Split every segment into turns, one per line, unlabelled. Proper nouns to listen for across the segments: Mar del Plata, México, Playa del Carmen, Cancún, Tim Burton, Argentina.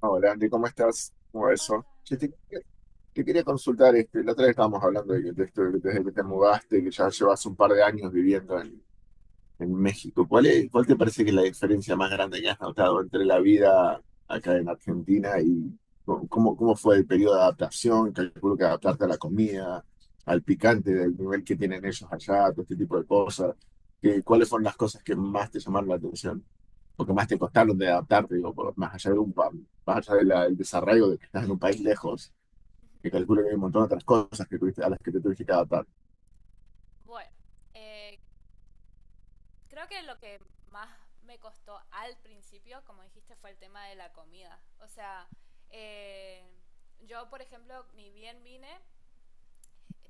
Hola Andy, ¿cómo estás? ¿Cómo va eso?
Hola.
Che, te quería consultar, este, la otra vez estábamos hablando de esto, desde que te mudaste, que ya llevas un par de años viviendo en México. ¿Cuál te parece que es la diferencia más grande que has notado entre la vida acá en Argentina y cómo fue el periodo de adaptación? Calculo que adaptarte a la comida, al picante, del nivel que tienen ellos allá, todo este tipo de cosas. ¿Cuáles fueron las cosas que más te llamaron la atención? Porque más te costaron de adaptarte, digo, más allá de del desarraigo de que estás en un país lejos, que calculo que hay un montón de otras cosas que a las que te tuviste que adaptar.
Bueno, eh, creo que lo que más me costó al principio, como dijiste, fue el tema de la comida. O sea, eh, yo, por ejemplo, ni bien vine,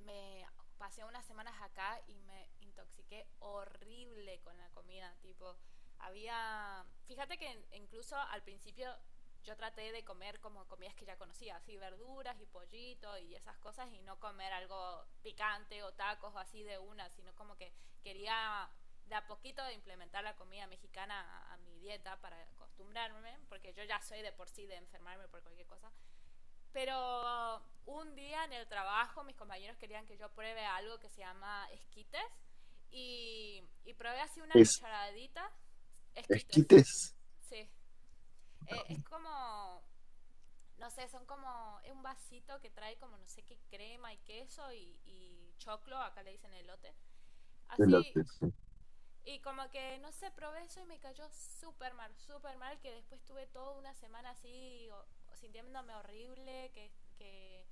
me pasé unas semanas acá y me intoxiqué horrible con la comida, tipo, había, fíjate que incluso al principio yo traté de comer como comidas que ya conocía, así verduras y pollito y esas cosas y no comer algo picante o tacos o así de una, sino como que quería de a poquito implementar la comida mexicana a mi dieta para acostumbrarme, porque yo ya soy de por sí de enfermarme por cualquier cosa. Pero un día en el trabajo mis compañeros querían que yo pruebe algo que se llama esquites y probé así una
Es
cucharadita. Esquites,
esquites
sí. Es como, no sé, son como, es un vasito que trae como no sé qué crema y queso y choclo, acá le dicen elote.
de
Así,
lotes.
y como que no sé, probé eso y me cayó súper mal, que después tuve toda una semana así sintiéndome horrible, que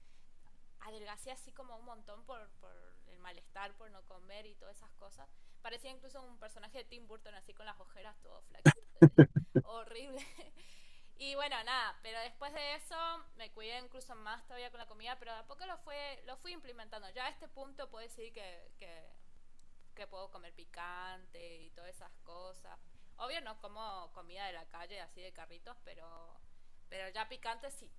adelgacé así como un montón por el malestar, por no comer y todas esas cosas. Parecía incluso un personaje de Tim Burton así con las ojeras todo flaquito. Horrible. Y bueno, nada, pero después de eso me cuidé incluso más todavía con la comida, pero de a poco lo, fue, lo fui implementando. Ya a este punto puedo decir que puedo comer picante y todas esas cosas. Obvio no como comida de la calle así de carritos, pero ya picante sí.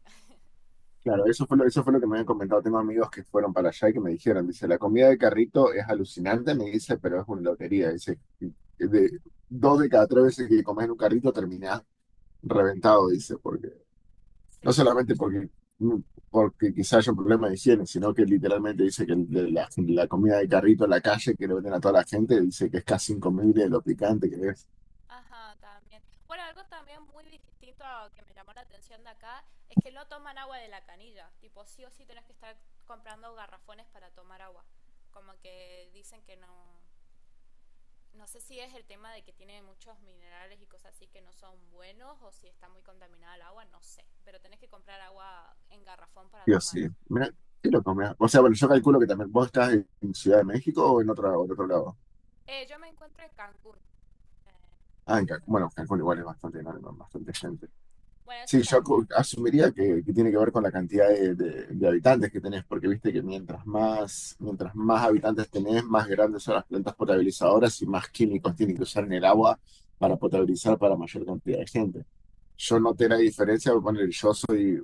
Claro, eso fue lo que me habían comentado. Tengo amigos que fueron para allá y que me dijeron, dice, la comida de carrito es alucinante, me dice, pero es una lotería. Dice, de dos de cada tres veces que comes en un carrito terminás reventado, dice. Porque
Sí,
No
no.
solamente porque quizás haya un problema de higiene, sino que literalmente dice que la comida de carrito en la calle que le venden a toda la gente, dice que es casi incomible lo picante que es.
Ajá, también. Bueno, algo también muy distinto que me llamó la atención de acá es que no toman agua de la canilla. Tipo, sí o sí tenés que estar comprando garrafones para tomar agua. Como que dicen que no. No sé si es el tema de que tiene muchos minerales y cosas así que no son buenos o si está muy contaminada el agua, no sé. Pero tenés que comprar agua en garrafón para
Dios
tomar.
sí. Mira, qué loco, mirá. O sea, bueno, yo calculo que también vos estás en Ciudad de México o en otro lado.
Yo me encuentro en Cancún. eh,
Ah, en Cancún.
Actualmente,
Bueno, Cancún
sí.
igual es bastante enorme, bastante gente.
Bueno, eso
Sí, yo
también.
asumiría que tiene que ver con la cantidad de habitantes que tenés, porque viste que mientras más habitantes tenés, más grandes son las plantas potabilizadoras y más químicos tienen que usar en el agua para potabilizar para mayor cantidad de gente.
Sí.
Yo noté la diferencia, voy a poner,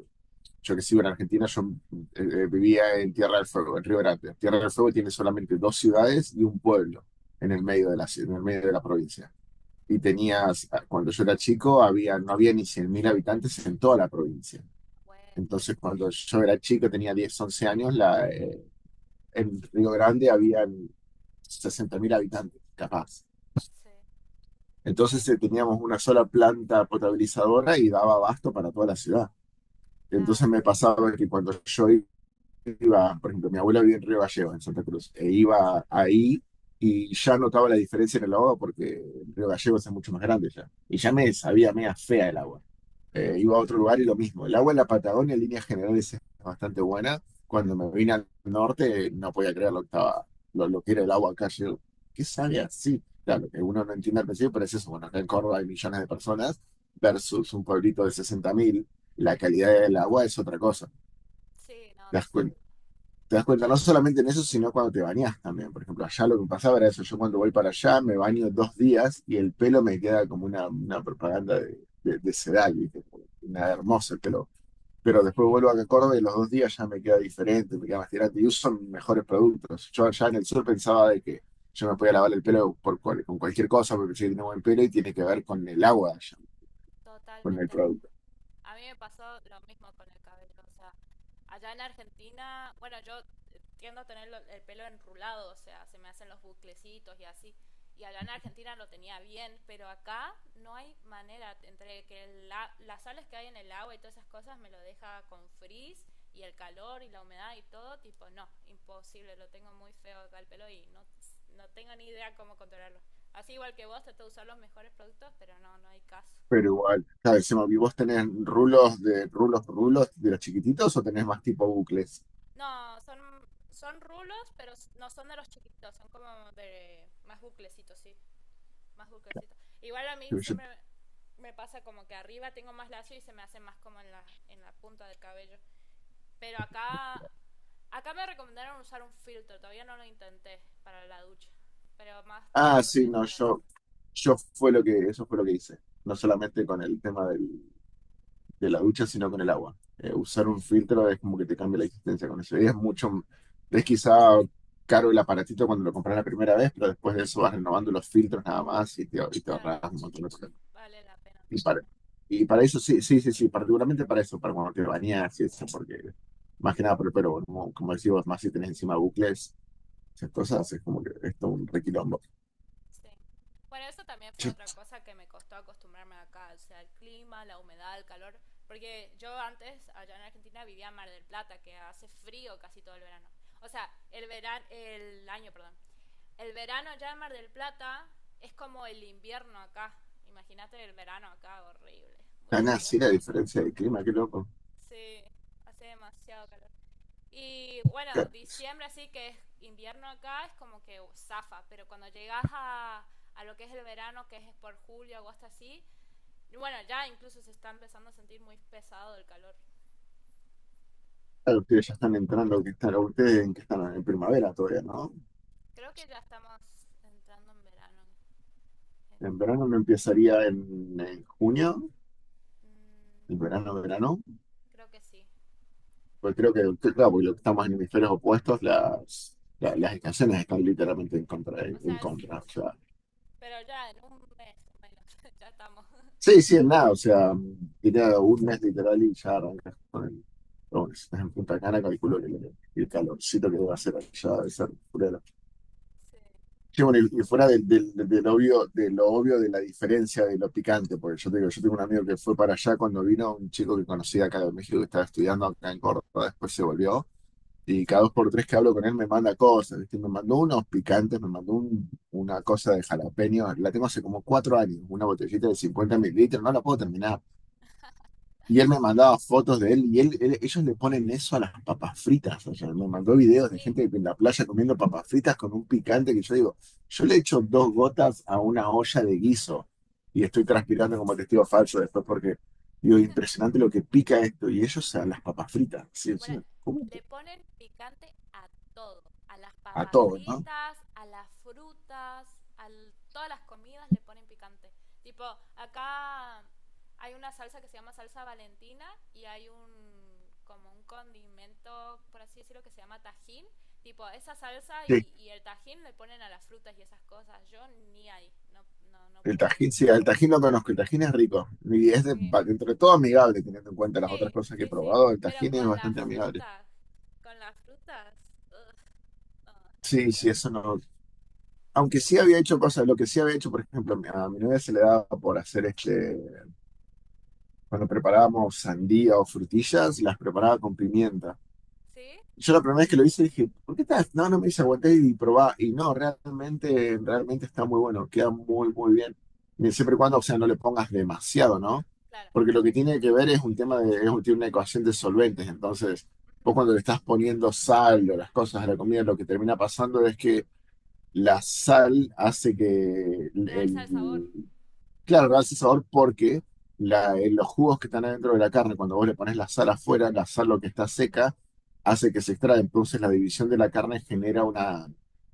yo que sigo en Argentina, yo vivía en Tierra del Fuego, en Río Grande. Tierra del Fuego tiene solamente dos ciudades y un pueblo en el
Ujú.
medio de la provincia. Y tenías, cuando yo era chico, no había ni 100.000 habitantes en toda la provincia.
Bueno,
Entonces, cuando yo era chico, tenía 10 u 11 años, en Río Grande habían 60.000 habitantes, capaz.
sí, sí,
Entonces teníamos una sola planta potabilizadora y daba abasto para toda la ciudad.
claro,
Entonces me
sí.
pasaba que cuando yo iba, por ejemplo, mi abuela vivía en Río Gallegos, en Santa Cruz, e iba ahí y ya notaba la diferencia en el agua porque Río Gallegos es mucho más grande ya. Y ya me sabía media fea el agua. Iba a otro lugar y lo mismo. El agua en la Patagonia en líneas generales es bastante buena. Cuando me vine al norte no podía creer lo que era el agua acá. Yo, ¿qué sabe así? Claro, que uno no entiende al principio, pero es eso. Bueno, acá en Córdoba hay millones de personas versus un pueblito de 60.000. La calidad del agua es otra cosa.
Sí, no,
¿Te das
total.
cuenta? Te das cuenta no
Sí,
solamente en eso, sino cuando te bañas también. Por ejemplo, allá lo que me pasaba era eso. Yo cuando voy para allá me baño 2 días y el pelo me queda como una propaganda de Sedal, ¿viste? Una hermosa el pelo, pero después
sí,
vuelvo a Córdoba y los 2 días ya me queda diferente, me queda más tirante y uso mejores productos. Yo allá en el sur pensaba de que yo me podía lavar el pelo por con cualquier cosa porque si tengo buen pelo y tiene que ver con el agua, allá, con el
totalmente.
producto.
A mí me pasó lo mismo con el cabello, o sea, allá en Argentina, bueno, yo tiendo a tener el pelo enrulado, o sea, se me hacen los buclecitos y así. Y allá en Argentina lo tenía bien, pero acá no hay manera, entre que las sales que hay en el agua y todas esas cosas me lo deja con frizz y el calor y la humedad y todo, tipo, no, imposible, lo tengo muy feo acá el pelo y no, no tengo ni idea cómo controlarlo. Así igual que vos, trato de usar los mejores productos, pero no, no hay caso.
Pero igual, claro, encima, ¿y vos tenés rulos de rulos, rulos de los chiquititos o tenés más tipo bucles?
No, son rulos, pero no son de los chiquitos, son como de más buclecitos, sí, más buclecitos. Igual a mí
yo-
siempre me pasa como que arriba tengo más lacio y se me hace más como en la punta del cabello. Pero acá, acá me recomendaron usar un filtro, todavía no lo intenté para la ducha, pero más
ah,
tarde lo voy
sí,
a
no,
intentar.
yo fue lo que, eso fue lo que hice. No solamente con el tema de la ducha, sino con el agua. Usar
Sí,
un filtro es como que te cambia la existencia con eso. Y es mucho, es quizá caro el aparatito cuando lo compras la primera vez, pero después de eso vas renovando los filtros nada más y te
claro,
ahorras un montón de cosas.
vale la pena
Y para,
totalmente.
y para eso, sí, sí, sí, sí, particularmente para eso, para cuando te bañas y eso, porque más que nada por el pelo, como decimos, más si tenés encima bucles, esas cosas, es como que esto es un requilombo.
Sí. Bueno, eso también fue
Che,
otra cosa que me costó acostumbrarme acá, o sea, el clima, la humedad, el calor, porque yo antes allá en Argentina vivía en Mar del Plata, que hace frío casi todo el verano. O sea, el verano, el año, perdón. El verano allá en Mar del Plata es como el invierno acá. Imagínate el verano acá, horrible.
tan
Mucho calor,
así la
mucho calor.
diferencia de clima, qué loco.
Sí, hace demasiado calor. Y bueno,
Claro,
diciembre así que es invierno acá, es como que zafa, pero cuando llegas a lo que es el verano, que es por julio, agosto así, y bueno, ya incluso se está empezando a sentir muy pesado el calor.
ustedes ya están entrando, ustedes en que están en primavera todavía, ¿no?
Creo que ya estamos entrando en verano. en-
En verano no empezaría en junio,
mm,
en verano, verano.
Creo que sí,
Pues creo claro, porque lo que estamos en hemisferios opuestos, las, la-
sí.
las estaciones están literalmente en contra.
O
En
sea,
contra. O sea,
pero ya en un mes o menos, ya estamos.
sí, sí, en nada. O sea, diría un mes literal y ya arrancas con el. Pero bueno, si estás en Punta Cana, calculo que el calorcito que debe hacer allá debe ser.
Sí,
Sí, bueno, y fuera de lo obvio de la diferencia de lo picante, porque yo te digo, yo tengo un amigo que fue para allá cuando vino, un chico que conocía acá de México que estaba estudiando acá en Córdoba, después se volvió, y
sí,
cada dos por tres que hablo con él me manda cosas, ¿viste? Me mandó unos picantes, me mandó una cosa de jalapeño, la tengo hace como 4 años, una botellita de 50 mililitros, no la puedo terminar, y él me mandaba fotos de él. Y ellos le ponen eso a las papas fritas. O sea, me mandó videos de
sí.
gente en la playa comiendo papas fritas con un picante que yo digo, yo le echo dos gotas a una olla de guiso y estoy transpirando como testigo falso después porque digo, impresionante lo que pica esto. Y ellos a las papas fritas, sí,
Bueno,
encima, ¿cómo?
le ponen picante a todo, a las
A
papas
todo, ¿no?
fritas, a las frutas, a todas las comidas le ponen picante. Tipo, acá hay una salsa que se llama salsa valentina y hay un como un condimento, por así decirlo, que se llama tajín. Tipo, esa salsa
Sí,
y el tajín le ponen a las frutas y esas cosas. Yo ni ahí, no, no, no puedo.
sí, el tajín lo conozco, el tajín es rico y es
Sí,
entre todo amigable, teniendo en cuenta las otras
sí,
cosas que he
sí, sí.
probado, el
Pero
tajín
con
es
las
bastante amigable.
frutas, con las frutas. Ugh. No, ahí
Sí,
ya
sí, eso
la paso.
no, aunque sí había hecho cosas, lo que sí había hecho, por ejemplo, a mi, novia se le daba por hacer este, cuando preparábamos sandía o frutillas, las preparaba con pimienta.
¿Sí?
Yo la primera vez que lo hice dije, ¿por qué estás? No, no me dice, aguanté y probá. Y no, realmente, realmente está muy bueno, queda muy, muy bien. Y siempre y cuando, o sea, no le pongas demasiado, ¿no?
Claro.
Porque lo que tiene que ver es un tema de, es un, tiene una ecuación de solventes. Entonces, vos cuando le estás poniendo sal o las cosas a la comida, lo que termina pasando es que la sal hace que
Realza el sabor.
el. Claro, lo hace sabor porque los jugos que están adentro de la carne, cuando vos le pones la sal afuera, la sal lo que está seca, hace que se extraiga. Entonces la división de la carne genera una,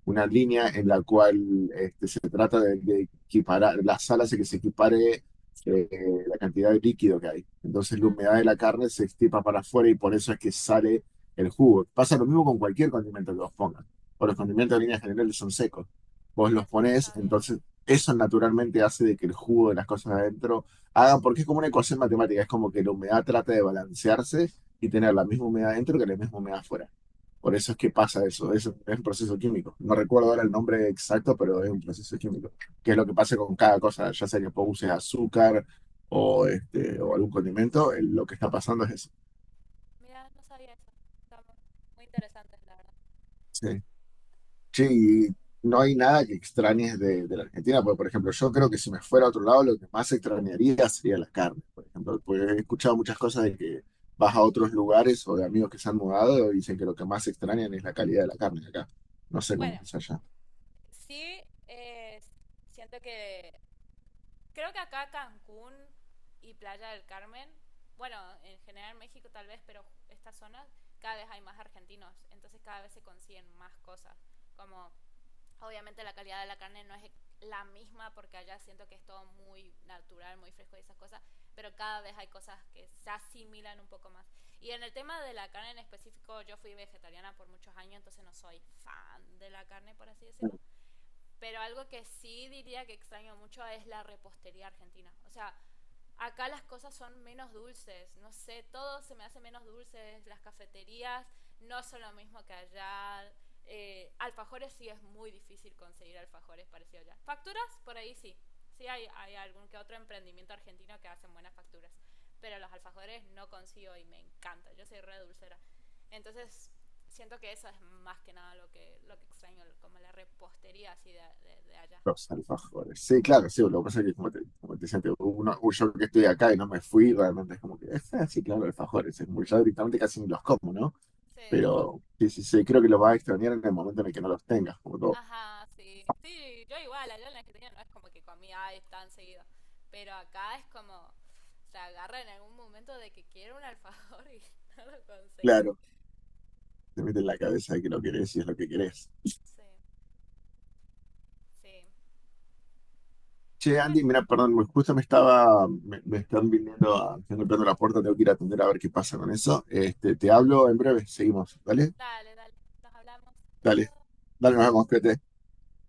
una línea en la cual este, se trata de equiparar, la sal hace que se equipare eh, la cantidad de líquido que hay. Entonces la
Ah,
humedad
mira.
de la carne se extipa para afuera y por eso es que sale el jugo. Pasa lo mismo con cualquier condimento que vos pongas. O los condimentos en líneas generales son secos. Vos
Mira,
los
eso no
ponés,
sabía.
entonces eso naturalmente hace de que el jugo de las cosas adentro hagan, porque es como una ecuación matemática, es como que la humedad trata de balancearse y tener la misma humedad adentro que la misma humedad afuera. Por eso es que pasa eso, es un proceso químico. No recuerdo ahora el nombre exacto, pero es un proceso químico, que es lo que pasa con cada cosa, ya sea que vos uses azúcar o algún condimento, lo que está pasando es eso.
Mira, no sabía eso. Está muy, muy interesante, la verdad.
Sí.
Sí.
Sí, y no hay nada que extrañes de la Argentina, porque por ejemplo, yo creo que si me fuera a otro lado, lo que más extrañaría sería la carne, por ejemplo, porque he escuchado muchas cosas de que vas a otros lugares o de amigos que se han mudado y dicen que lo que más extrañan es la calidad de la carne acá. No sé cómo
Bueno,
es allá.
sí, eh, siento que. Creo que acá Cancún y Playa del Carmen, bueno, en general México tal vez, pero estas zonas, cada vez hay más argentinos. Entonces cada vez se consiguen más cosas. Como obviamente la calidad de la carne no es la misma porque allá siento que es todo muy natural, muy fresco y esas cosas, pero cada vez hay cosas que se asimilan un poco más. Y en el tema de la carne en específico, yo fui vegetariana por muchos años, entonces no soy fan de la carne, por así decirlo. Pero algo que sí diría que extraño mucho es la repostería argentina. O sea, acá las cosas son menos dulces, no sé, todo se me hace menos dulces, las cafeterías no son lo mismo que allá, alfajores sí es muy difícil conseguir alfajores parecidos allá. Facturas, por ahí sí, sí hay algún que otro emprendimiento argentino que hacen buenas facturas, pero los alfajores no consigo y me encanta, yo soy re dulcera. Entonces, siento que eso es más que nada lo que, lo que extraño, como la repostería así de allá.
Los alfajores. Sí, claro, sí, lo que pasa es que como te decía antes, yo que estoy acá y no me fui, realmente es como que, sí, claro, alfajores, ya directamente casi ni los como, ¿no?
Sí.
Pero sí, sí, sí, creo que lo vas a extrañar en el momento en el que no los tengas, como todo.
Ajá, sí. Sí, yo igual, allá en la Argentina no es como que comía ay, tan seguido. Pero acá es como, se agarra en algún momento de que quiero un alfajor y no lo conseguí.
Claro. Te mete en la cabeza que lo querés y es lo que querés.
Sí, sí. Y
Che,
bueno,
Andy, mira, perdón, justo me están viniendo, están golpeando la puerta, tengo que ir a atender a ver qué pasa con eso. Este, te hablo en breve, seguimos, ¿vale?
dale, dale, nos hablamos. Hasta
Dale,
luego.
dale, nos vemos, cuídate.